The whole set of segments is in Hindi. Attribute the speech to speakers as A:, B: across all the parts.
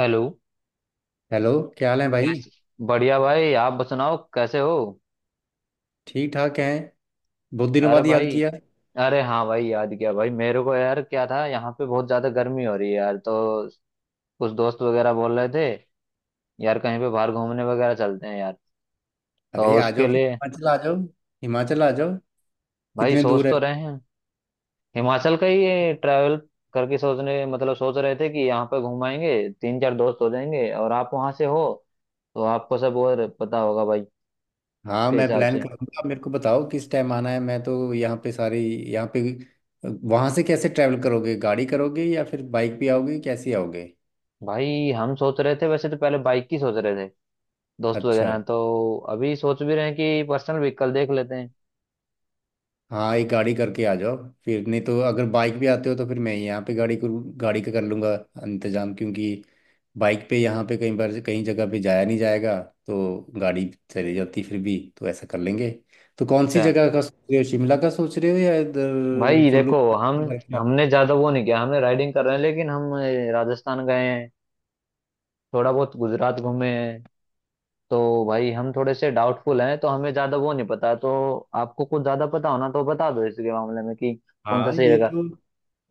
A: हेलो।
B: हेलो। क्या हाल है भाई।
A: कैसे? बढ़िया भाई, आप सुनाओ कैसे हो।
B: ठीक ठाक हैं। बहुत दिनों
A: अरे
B: बाद याद
A: भाई,
B: किया।
A: अरे हाँ भाई, याद किया भाई। मेरे को यार क्या था, यहाँ पे बहुत ज्यादा गर्मी हो रही है यार, तो कुछ दोस्त वगैरह बोल रहे थे, यार कहीं पे बाहर घूमने वगैरह चलते हैं यार। तो
B: अरे आ
A: उसके
B: जाओ फिर
A: लिए
B: हिमाचल आ जाओ। हिमाचल आ जाओ।
A: भाई
B: कितने
A: सोच
B: दूर है?
A: तो रहे हैं। हिमाचल का ही ट्रैवल करके सोचने, मतलब सोच रहे थे कि यहाँ पे घुमाएंगे। तीन चार दोस्त हो जाएंगे, और आप वहाँ से हो तो आपको सब और पता होगा भाई।
B: हाँ,
A: उसके
B: मैं
A: हिसाब
B: प्लान
A: से
B: करूंगा। आप मेरे को बताओ किस टाइम आना है। मैं तो यहाँ पे सारी यहाँ पे। वहां से कैसे ट्रैवल करोगे? गाड़ी करोगे या फिर बाइक भी आओगे? कैसे आओगे?
A: भाई हम सोच रहे थे, वैसे तो पहले बाइक की सोच रहे थे। दोस्त वगैरह
B: अच्छा।
A: हैं, तो अभी सोच भी रहे हैं कि पर्सनल व्हीकल देख लेते हैं।
B: हाँ, एक गाड़ी करके आ जाओ। फिर नहीं तो अगर बाइक भी आते हो तो फिर मैं यहाँ पे गाड़ी करूँ, गाड़ी का कर लूँगा इंतजाम, क्योंकि बाइक पे यहाँ पे कई बार कहीं जगह पे जाया नहीं जाएगा। तो गाड़ी चली जाती, फिर भी तो ऐसा कर लेंगे। तो कौन सी
A: अच्छा
B: जगह का सोच रहे हो? शिमला का सोच रहे हो या इधर
A: भाई,
B: कुल्लू
A: देखो हम
B: उधर? क्या?
A: हमने ज्यादा वो नहीं किया, हमने राइडिंग कर रहे हैं, लेकिन हम राजस्थान गए हैं, थोड़ा बहुत गुजरात घूमे हैं। तो भाई हम थोड़े से डाउटफुल हैं, तो हमें ज्यादा वो नहीं पता, तो आपको कुछ ज्यादा पता होना तो बता दो इसके मामले में कि कौन सा
B: हाँ,
A: सही
B: ये
A: रहेगा।
B: तो।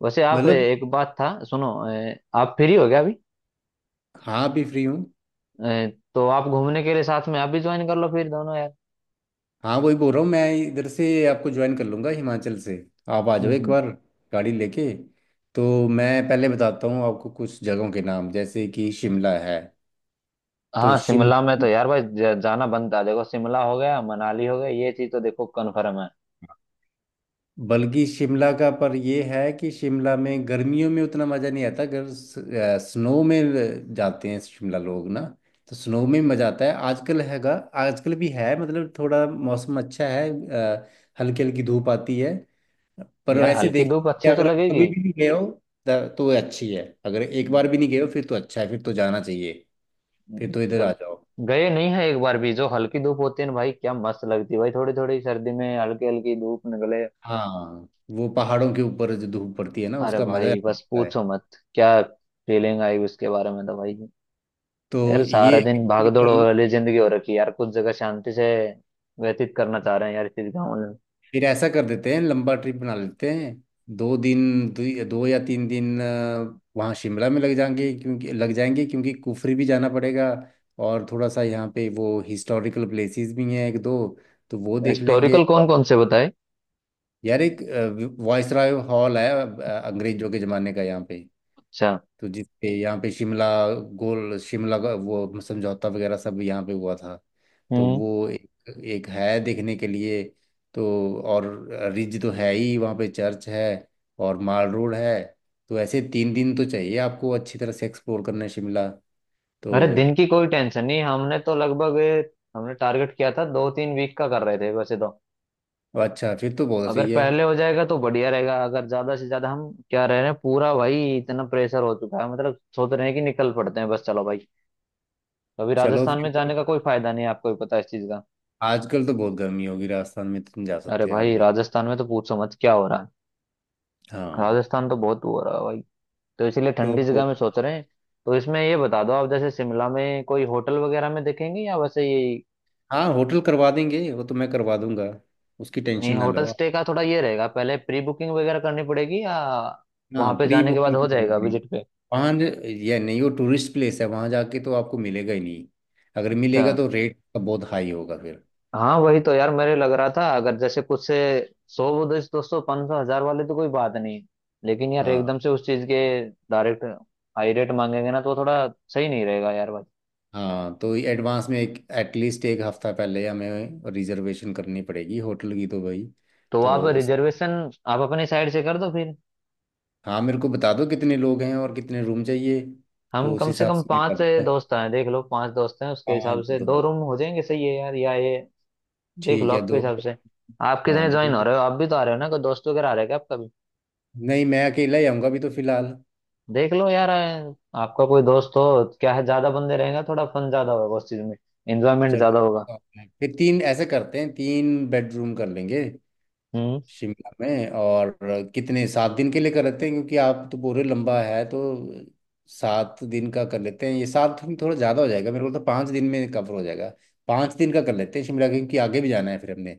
A: वैसे आप
B: मतलब।
A: एक बात था सुनो, आप फ्री हो गया अभी?
B: हाँ, भी फ्री हूँ।
A: अ, तो आप घूमने के लिए साथ में आप भी ज्वाइन कर लो फिर दोनों यार।
B: हाँ, वही बोल रहा हूँ, मैं इधर से आपको ज्वाइन कर लूँगा हिमाचल से। आप आ जाओ एक
A: हम्म।
B: बार गाड़ी लेके। तो मैं पहले बताता हूँ आपको कुछ जगहों के नाम, जैसे कि शिमला है। तो
A: हाँ, शिमला में
B: शिमला,
A: तो यार भाई जाना बनता है। देखो शिमला हो गया, मनाली हो गया, ये चीज तो देखो कन्फर्म है।
B: बल्कि शिमला का, पर ये है कि शिमला में गर्मियों में उतना मज़ा नहीं आता, अगर स्नो में जाते हैं शिमला लोग ना, तो स्नो में मज़ा आता है। आजकल हैगा। आजकल भी है, मतलब थोड़ा मौसम अच्छा है। हल्की हल्की धूप आती है। पर
A: यार
B: वैसे
A: हल्की
B: देख
A: धूप
B: कि
A: अच्छी तो
B: अगर आप
A: लगेगी,
B: कभी भी नहीं गए हो तो ये अच्छी है। अगर एक बार भी नहीं गए हो फिर तो अच्छा है, फिर तो जाना चाहिए, फिर तो इधर आ
A: जब
B: जाओ।
A: गए नहीं है एक बार भी। जो हल्की धूप होती है ना भाई, क्या मस्त लगती है भाई, थोड़ी थोड़ी सर्दी में हल्की हल्की धूप निकले।
B: हाँ, वो पहाड़ों के ऊपर जो धूप पड़ती है ना
A: अरे
B: उसका मज़ा
A: भाई बस
B: लगता है।
A: पूछो मत, क्या फीलिंग आई उसके बारे में तो भाई।
B: तो
A: यार
B: ये
A: सारा
B: है
A: दिन
B: कि
A: भागदौड़
B: अगर
A: वाली जिंदगी हो रखी है यार, कुछ जगह शांति से व्यतीत करना चाह रहे हैं यार, इस गाँव में।
B: फिर ऐसा कर देते हैं, लंबा ट्रिप बना लेते हैं। दो दिन दो या तीन दिन वहाँ शिमला में लग जाएंगे क्योंकि कुफरी भी जाना पड़ेगा। और थोड़ा सा यहाँ पे वो हिस्टोरिकल प्लेसेस भी हैं एक दो, तो वो देख लेंगे।
A: हिस्टोरिकल कौन कौन से बताए।
B: यार एक वॉइसरॉय हॉल है अंग्रेजों के ज़माने का यहाँ पे।
A: अच्छा।
B: तो जिसपे यहाँ पे शिमला, गोल शिमला का वो समझौता वगैरह सब यहाँ पे हुआ था। तो
A: हम्म।
B: वो एक, एक है देखने के लिए। तो और रिज तो है ही, वहाँ पे चर्च है और माल रोड है। तो ऐसे तीन दिन तो चाहिए आपको अच्छी तरह से एक्सप्लोर करने शिमला। तो
A: अरे दिन की कोई टेंशन नहीं, हमने तो लगभग हमने टारगेट किया था दो तीन वीक का, कर रहे थे वैसे तो।
B: अच्छा, फिर तो बहुत
A: अगर
B: सही है।
A: पहले हो जाएगा तो बढ़िया रहेगा। अगर ज्यादा से ज्यादा हम क्या रह रहे हैं पूरा भाई, इतना प्रेशर हो चुका है, मतलब सोच रहे हैं कि निकल पड़ते हैं बस चलो भाई। अभी
B: चलो
A: राजस्थान में
B: फिर।
A: जाने का कोई फायदा नहीं है, आपको भी पता है इस चीज का।
B: आजकल तो बहुत गर्मी होगी राजस्थान में, तो तुम जा
A: अरे
B: सकते हो आज
A: भाई
B: भी।
A: राजस्थान में तो पूछो मत क्या हो रहा है।
B: हाँ
A: राजस्थान तो बहुत हो रहा है भाई, तो इसीलिए ठंडी
B: तो।
A: जगह में सोच रहे हैं। तो इसमें ये बता दो आप, जैसे शिमला में कोई होटल वगैरह में देखेंगे या वैसे ये,
B: हाँ, होटल करवा देंगे, वो तो मैं करवा दूंगा। उसकी
A: नहीं
B: टेंशन ना
A: होटल
B: लो।
A: स्टे का थोड़ा ये रहेगा, पहले प्री बुकिंग वगैरह करनी पड़ेगी या
B: हाँ,
A: वहां पे
B: प्री
A: जाने के बाद
B: बुकिंग
A: हो
B: तो करनी
A: जाएगा
B: पड़ेगी।
A: विजिट पे।
B: वहाँ ये नहीं, वो टूरिस्ट प्लेस है, वहाँ जाके तो आपको मिलेगा ही नहीं। अगर
A: अच्छा।
B: मिलेगा तो रेट का बहुत हाई होगा फिर।
A: हाँ वही तो यार मेरे लग रहा था, अगर जैसे कुछ से सौ दो सौ पाँच सौ हजार वाले तो कोई बात नहीं, लेकिन यार
B: हाँ।
A: एकदम से उस चीज के डायरेक्ट हाई रेट मांगेंगे ना तो थोड़ा सही नहीं रहेगा यार भाई।
B: हाँ, तो एडवांस में एक एटलीस्ट एक हफ्ता पहले हमें रिजर्वेशन करनी पड़ेगी होटल की, तो भाई।
A: तो आप
B: तो उस।
A: रिजर्वेशन आप अपनी साइड से कर दो फिर।
B: हाँ, मेरे को बता दो कितने लोग हैं और कितने रूम चाहिए।
A: हम
B: तो उस
A: कम से
B: हिसाब
A: कम
B: से मैं
A: पांच
B: करूँगा।
A: दोस्त हैं, देख लो पांच दोस्त हैं, उसके हिसाब
B: पाँच
A: से दो
B: दो।
A: रूम हो जाएंगे, सही है यार या ये? देख लो
B: ठीक है
A: आपके
B: दो।
A: हिसाब से, आप कितने
B: हाँ दो,
A: ज्वाइन हो रहे हो? आप भी तो आ रहे हो ना, कोई दोस्त वगैरह आ रहा है क्या आपका भी?
B: नहीं, मैं अकेला ही आऊँगा अभी तो फिलहाल।
A: देख लो यार, आपका कोई दोस्त हो, क्या है ज्यादा बंदे रहेंगे थोड़ा फन ज्यादा होगा उस चीज में, एंजॉयमेंट ज्यादा
B: चलो।
A: होगा।
B: हाँ, फिर तीन ऐसे करते हैं, तीन बेडरूम कर लेंगे
A: हम्म।
B: शिमला में। और कितने, सात दिन के लिए कर लेते हैं क्योंकि आप तो पूरे लंबा है तो। सात दिन का कर लेते हैं, ये सात दिन थोड़ा ज़्यादा हो जाएगा। मेरे को तो पाँच दिन में कवर हो जाएगा। पाँच दिन का कर लेते हैं शिमला, क्योंकि आगे भी जाना है फिर हमने।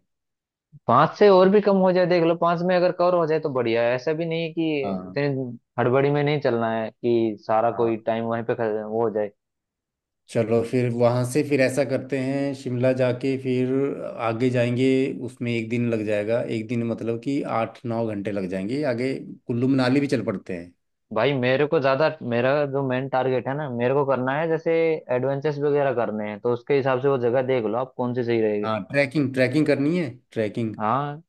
A: पांच से और भी कम हो जाए देख लो, पांच में अगर कवर हो जाए तो बढ़िया है। ऐसा भी नहीं है कि
B: हाँ।
A: इतनी हड़बड़ी में नहीं चलना है कि सारा कोई
B: हाँ,
A: टाइम वहीं पे वो हो जाए।
B: चलो फिर, वहाँ से फिर ऐसा करते हैं, शिमला जाके फिर आगे जाएंगे। उसमें एक दिन लग जाएगा, एक दिन मतलब कि आठ नौ घंटे लग जाएंगे। आगे कुल्लू मनाली भी चल पड़ते हैं।
A: भाई मेरे को ज्यादा, मेरा जो मेन टारगेट है ना, मेरे को करना है जैसे एडवेंचर्स वगैरह करने हैं, तो उसके हिसाब से वो जगह देख लो आप कौन सी सही रहेगी।
B: हाँ ट्रैकिंग, ट्रैकिंग करनी है, ट्रैकिंग।
A: हाँ।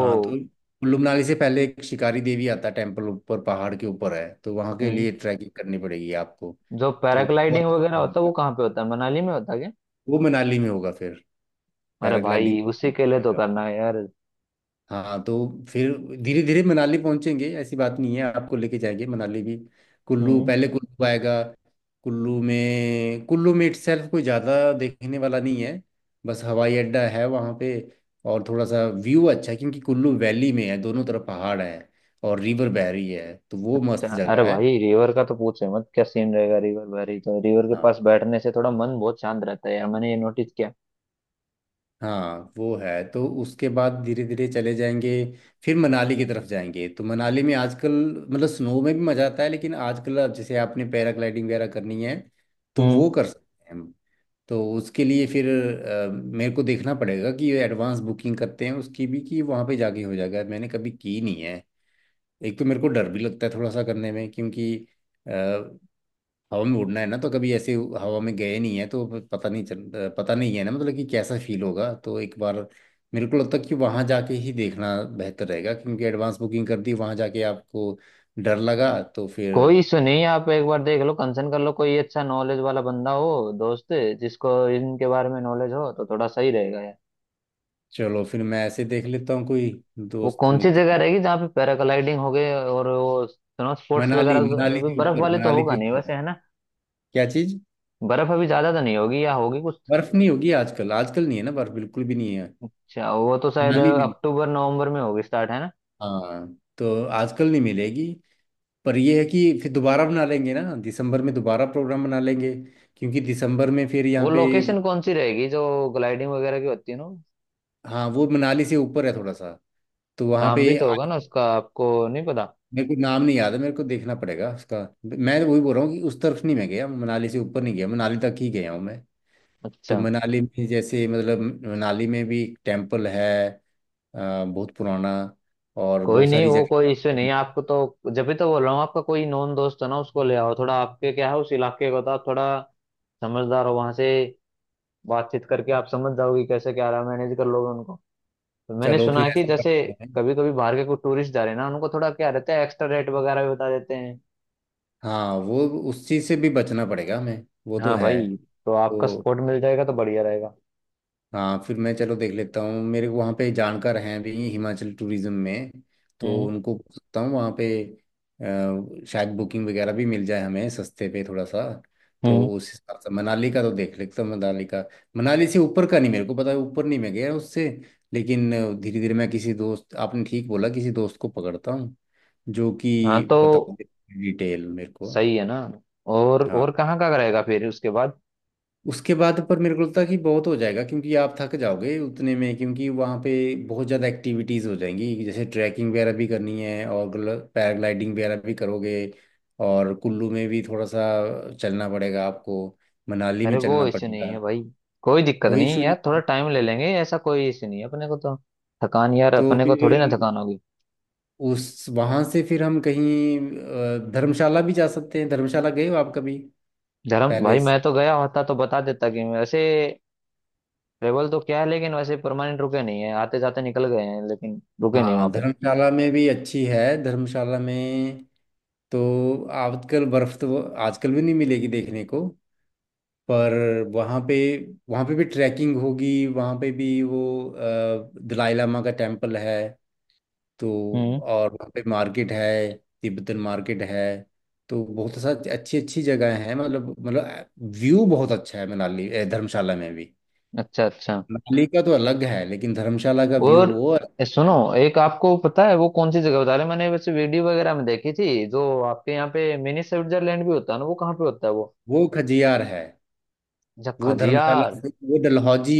B: हाँ तो कुल्लू मनाली से पहले एक शिकारी देवी आता है, टेम्पल, ऊपर पहाड़ के ऊपर है, तो वहाँ के
A: हम्म।
B: लिए ट्रैकिंग करनी पड़ेगी आपको।
A: जो
B: तो वो
A: पैराग्लाइडिंग वगैरह होता है वो कहाँ पे होता है, मनाली में होता है क्या?
B: वो मनाली में होगा फिर,
A: अरे
B: पैराग्लाइडिंग।
A: भाई उसी के लिए तो करना है यार।
B: हाँ तो फिर धीरे धीरे मनाली पहुंचेंगे, ऐसी बात नहीं है, आपको लेके जाएंगे मनाली भी। कुल्लू,
A: हम्म।
B: पहले कुल्लू आएगा। कुल्लू में इटसेल्फ कोई ज़्यादा देखने वाला नहीं है, बस हवाई अड्डा है वहाँ पे। और थोड़ा सा व्यू अच्छा है क्योंकि कुल्लू वैली में है, दोनों तरफ पहाड़ है, और रिवर बह रही है, तो वो मस्त
A: अरे
B: जगह है।
A: भाई रिवर का तो पूछे मत, क्या सीन रहेगा, रिवर वैली तो, रिवर के पास
B: हाँ।
A: बैठने से थोड़ा मन बहुत शांत रहता है यार, मैंने ये नोटिस किया।
B: हाँ, वो है, तो उसके बाद धीरे धीरे चले जाएंगे। फिर मनाली की तरफ जाएंगे, तो मनाली में आजकल, मतलब स्नो में भी मजा आता है लेकिन आजकल, अब जैसे आपने पैराग्लाइडिंग वगैरह करनी है तो
A: हम्म।
B: वो कर सकते हैं हम। तो उसके लिए फिर मेरे को देखना पड़ेगा कि ये एडवांस बुकिंग करते हैं उसकी भी, कि वहाँ पे जाके हो जाएगा, मैंने कभी की नहीं है। एक तो मेरे को डर भी लगता है थोड़ा सा करने में, क्योंकि हवा में उड़ना है ना, तो कभी ऐसे हवा में गए नहीं है, तो पता नहीं है ना, मतलब कि कैसा फील होगा, तो एक बार मेरे को लगता है कि वहां जाके ही देखना बेहतर रहेगा, क्योंकि एडवांस बुकिंग कर दी वहां जाके आपको डर लगा तो फिर।
A: कोई इशू नहीं है, आप एक बार देख लो, कंसर्न कर लो, कोई अच्छा नॉलेज वाला बंदा हो दोस्त जिसको इनके बारे में नॉलेज हो, तो थोड़ा सही रहेगा यार।
B: चलो फिर मैं ऐसे देख लेता हूँ कोई
A: वो
B: दोस्त
A: कौन सी जगह
B: मित्र।
A: रहेगी जहाँ पे पैराग्लाइडिंग हो गए और वो स्नो स्पोर्ट्स
B: मनाली,
A: वगैरह?
B: मनाली
A: अभी
B: के
A: बर्फ
B: ऊपर
A: वाले तो
B: मनाली
A: होगा
B: के
A: नहीं
B: ऊपर
A: वैसे,
B: है।
A: है ना?
B: क्या चीज?
A: बर्फ अभी ज्यादा तो नहीं होगी या होगी कुछ?
B: बर्फ नहीं होगी आजकल आजकल नहीं है ना, बर्फ बिल्कुल भी नहीं है।
A: अच्छा, वो तो शायद
B: मनाली में नहीं।
A: अक्टूबर नवंबर में होगी स्टार्ट, है ना?
B: हाँ, तो आजकल नहीं मिलेगी। पर ये है कि फिर दोबारा बना लेंगे ना, दिसंबर में दोबारा प्रोग्राम बना लेंगे, क्योंकि दिसंबर में फिर यहाँ
A: वो
B: पे।
A: लोकेशन कौन सी रहेगी जो ग्लाइडिंग वगैरह की होती है ना?
B: हाँ, वो मनाली से ऊपर है थोड़ा सा, तो वहाँ
A: नाम भी
B: पे।
A: तो होगा ना उसका, आपको नहीं पता?
B: मेरे को नाम नहीं याद है, मेरे को देखना पड़ेगा उसका। मैं तो वही बोल रहा हूँ कि उस तरफ नहीं मैं गया, मनाली से ऊपर नहीं गया, मनाली तक ही गया हूँ मैं। तो
A: अच्छा।
B: मनाली में जैसे, मतलब मनाली में भी टेम्पल है, बहुत पुराना और
A: कोई
B: बहुत
A: नहीं
B: सारी
A: वो
B: जगह।
A: कोई इश्यू नहीं है, आपको तो जब भी तो बोल रहा हूँ, आपका कोई नॉन दोस्त है ना उसको ले आओ, थोड़ा आपके क्या है उस इलाके का, तो आप थोड़ा समझदार हो वहां से, बातचीत करके आप समझ जाओगे कैसे क्या रहा, मैनेज कर लोगे उनको। तो मैंने
B: चलो
A: सुना
B: फिर
A: है कि
B: ऐसा
A: जैसे
B: करते हैं।
A: कभी कभी बाहर के कोई टूरिस्ट जा रहे हैं ना, उनको थोड़ा क्या रहता है, एक्स्ट्रा रेट वगैरह भी बता देते हैं।
B: हाँ, वो उस चीज़ से भी बचना पड़ेगा हमें, वो तो
A: हाँ
B: है।
A: भाई, तो आपका
B: तो।
A: सपोर्ट मिल जाएगा तो बढ़िया रहेगा।
B: हाँ, फिर मैं चलो देख लेता हूँ, मेरे वहाँ पे जानकार हैं भी हिमाचल टूरिज्म में, तो
A: हम्म।
B: उनको पूछ सकता हूँ वहाँ पे। शायद बुकिंग वगैरह भी मिल जाए हमें सस्ते पे थोड़ा सा। तो
A: हम्म।
B: उस हिसाब से मनाली का तो देख लेता हूँ, मनाली का। मनाली से ऊपर का नहीं मेरे को पता है, ऊपर नहीं मैं गया उससे, लेकिन धीरे धीरे मैं किसी दोस्त, आपने ठीक बोला, किसी दोस्त को पकड़ता हूँ जो कि
A: हाँ, तो
B: बता दे डिटेल मेरे को।
A: सही है ना?
B: हाँ।
A: और कहाँ का रहेगा फिर उसके बाद?
B: उसके बाद, पर मेरे को लगता है कि बहुत हो जाएगा, क्योंकि आप थक जाओगे उतने में, क्योंकि वहाँ पे बहुत ज़्यादा एक्टिविटीज़ हो जाएंगी, जैसे ट्रैकिंग वगैरह भी करनी है और पैराग्लाइडिंग वगैरह भी करोगे, और कुल्लू में भी थोड़ा सा चलना पड़ेगा आपको, मनाली
A: अरे
B: में
A: वो
B: चलना
A: इश्यू नहीं
B: पड़ेगा।
A: है भाई, कोई दिक्कत
B: कोई
A: नहीं है
B: इशू
A: यार, थोड़ा
B: नहीं।
A: टाइम ले लेंगे, ऐसा कोई इश्यू नहीं है अपने को तो। थकान यार
B: तो
A: अपने को
B: फिर
A: थोड़ी ना थकान होगी।
B: उस, वहाँ से फिर हम कहीं, धर्मशाला भी जा सकते हैं। धर्मशाला गए हो आप कभी?
A: धर्म
B: पहले।
A: भाई मैं तो गया होता तो बता देता कि वैसे ट्रेवल तो क्या है, लेकिन वैसे परमानेंट रुके नहीं है, आते जाते निकल गए हैं, लेकिन रुके नहीं वहां
B: हाँ,
A: पे।
B: धर्मशाला में भी अच्छी है धर्मशाला में, तो आजकल बर्फ तो आजकल भी नहीं मिलेगी देखने को। पर वहाँ पे वहाँ पे भी ट्रैकिंग होगी, वहाँ पे भी वो दलाई लामा का टेम्पल है। तो
A: हम्म।
B: और वहाँ पे मार्केट है, तिब्बतन मार्केट है। तो बहुत सा अच्छी अच्छी जगह है, मतलब व्यू बहुत अच्छा है मनाली, धर्मशाला में भी।
A: अच्छा अच्छा।
B: मनाली का तो अलग है लेकिन धर्मशाला का व्यू
A: और
B: वो अलग है।
A: सुनो एक, आपको पता है वो कौन सी जगह बता रहे हैं? मैंने वैसे वीडियो वगैरह में देखी थी, जो आपके यहाँ पे मिनी स्विट्जरलैंड भी होता है ना, वो कहाँ पे होता है वो?
B: वो खजियार है। वो
A: झक्खाजियार।
B: वो डलहौजी,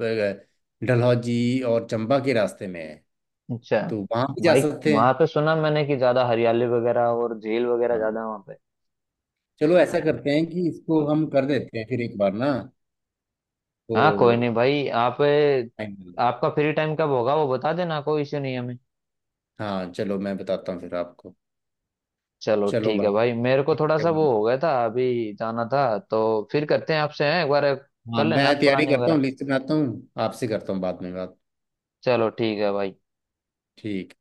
B: डलहौजी और चंबा के रास्ते में है।
A: अच्छा।
B: तो वहां भी जा
A: भाई
B: सकते
A: वहां
B: हैं।
A: पे सुना मैंने कि ज्यादा हरियाली वगैरह और झील वगैरह ज्यादा
B: हाँ,
A: है वहां पे।
B: चलो ऐसा करते हैं कि इसको हम कर देते हैं फिर एक बार ना।
A: हाँ, कोई
B: तो
A: नहीं भाई। आप
B: फाइनल।
A: आपका फ्री टाइम कब होगा वो बता देना, कोई इश्यू नहीं है हमें।
B: हाँ, चलो मैं बताता हूँ फिर आपको।
A: चलो
B: चलो
A: ठीक है
B: भाई।
A: भाई, मेरे को
B: ठीक
A: थोड़ा
B: है
A: सा
B: भाई।
A: वो हो गया था अभी, जाना था, तो फिर करते हैं आपसे हैं एक बार।
B: हाँ,
A: कर
B: मैं
A: लेना आप
B: तैयारी
A: प्लानिंग
B: करता
A: वगैरह।
B: हूँ, लिस्ट बनाता हूँ, आपसे करता हूँ बाद में बात।
A: चलो ठीक है भाई।
B: ठीक।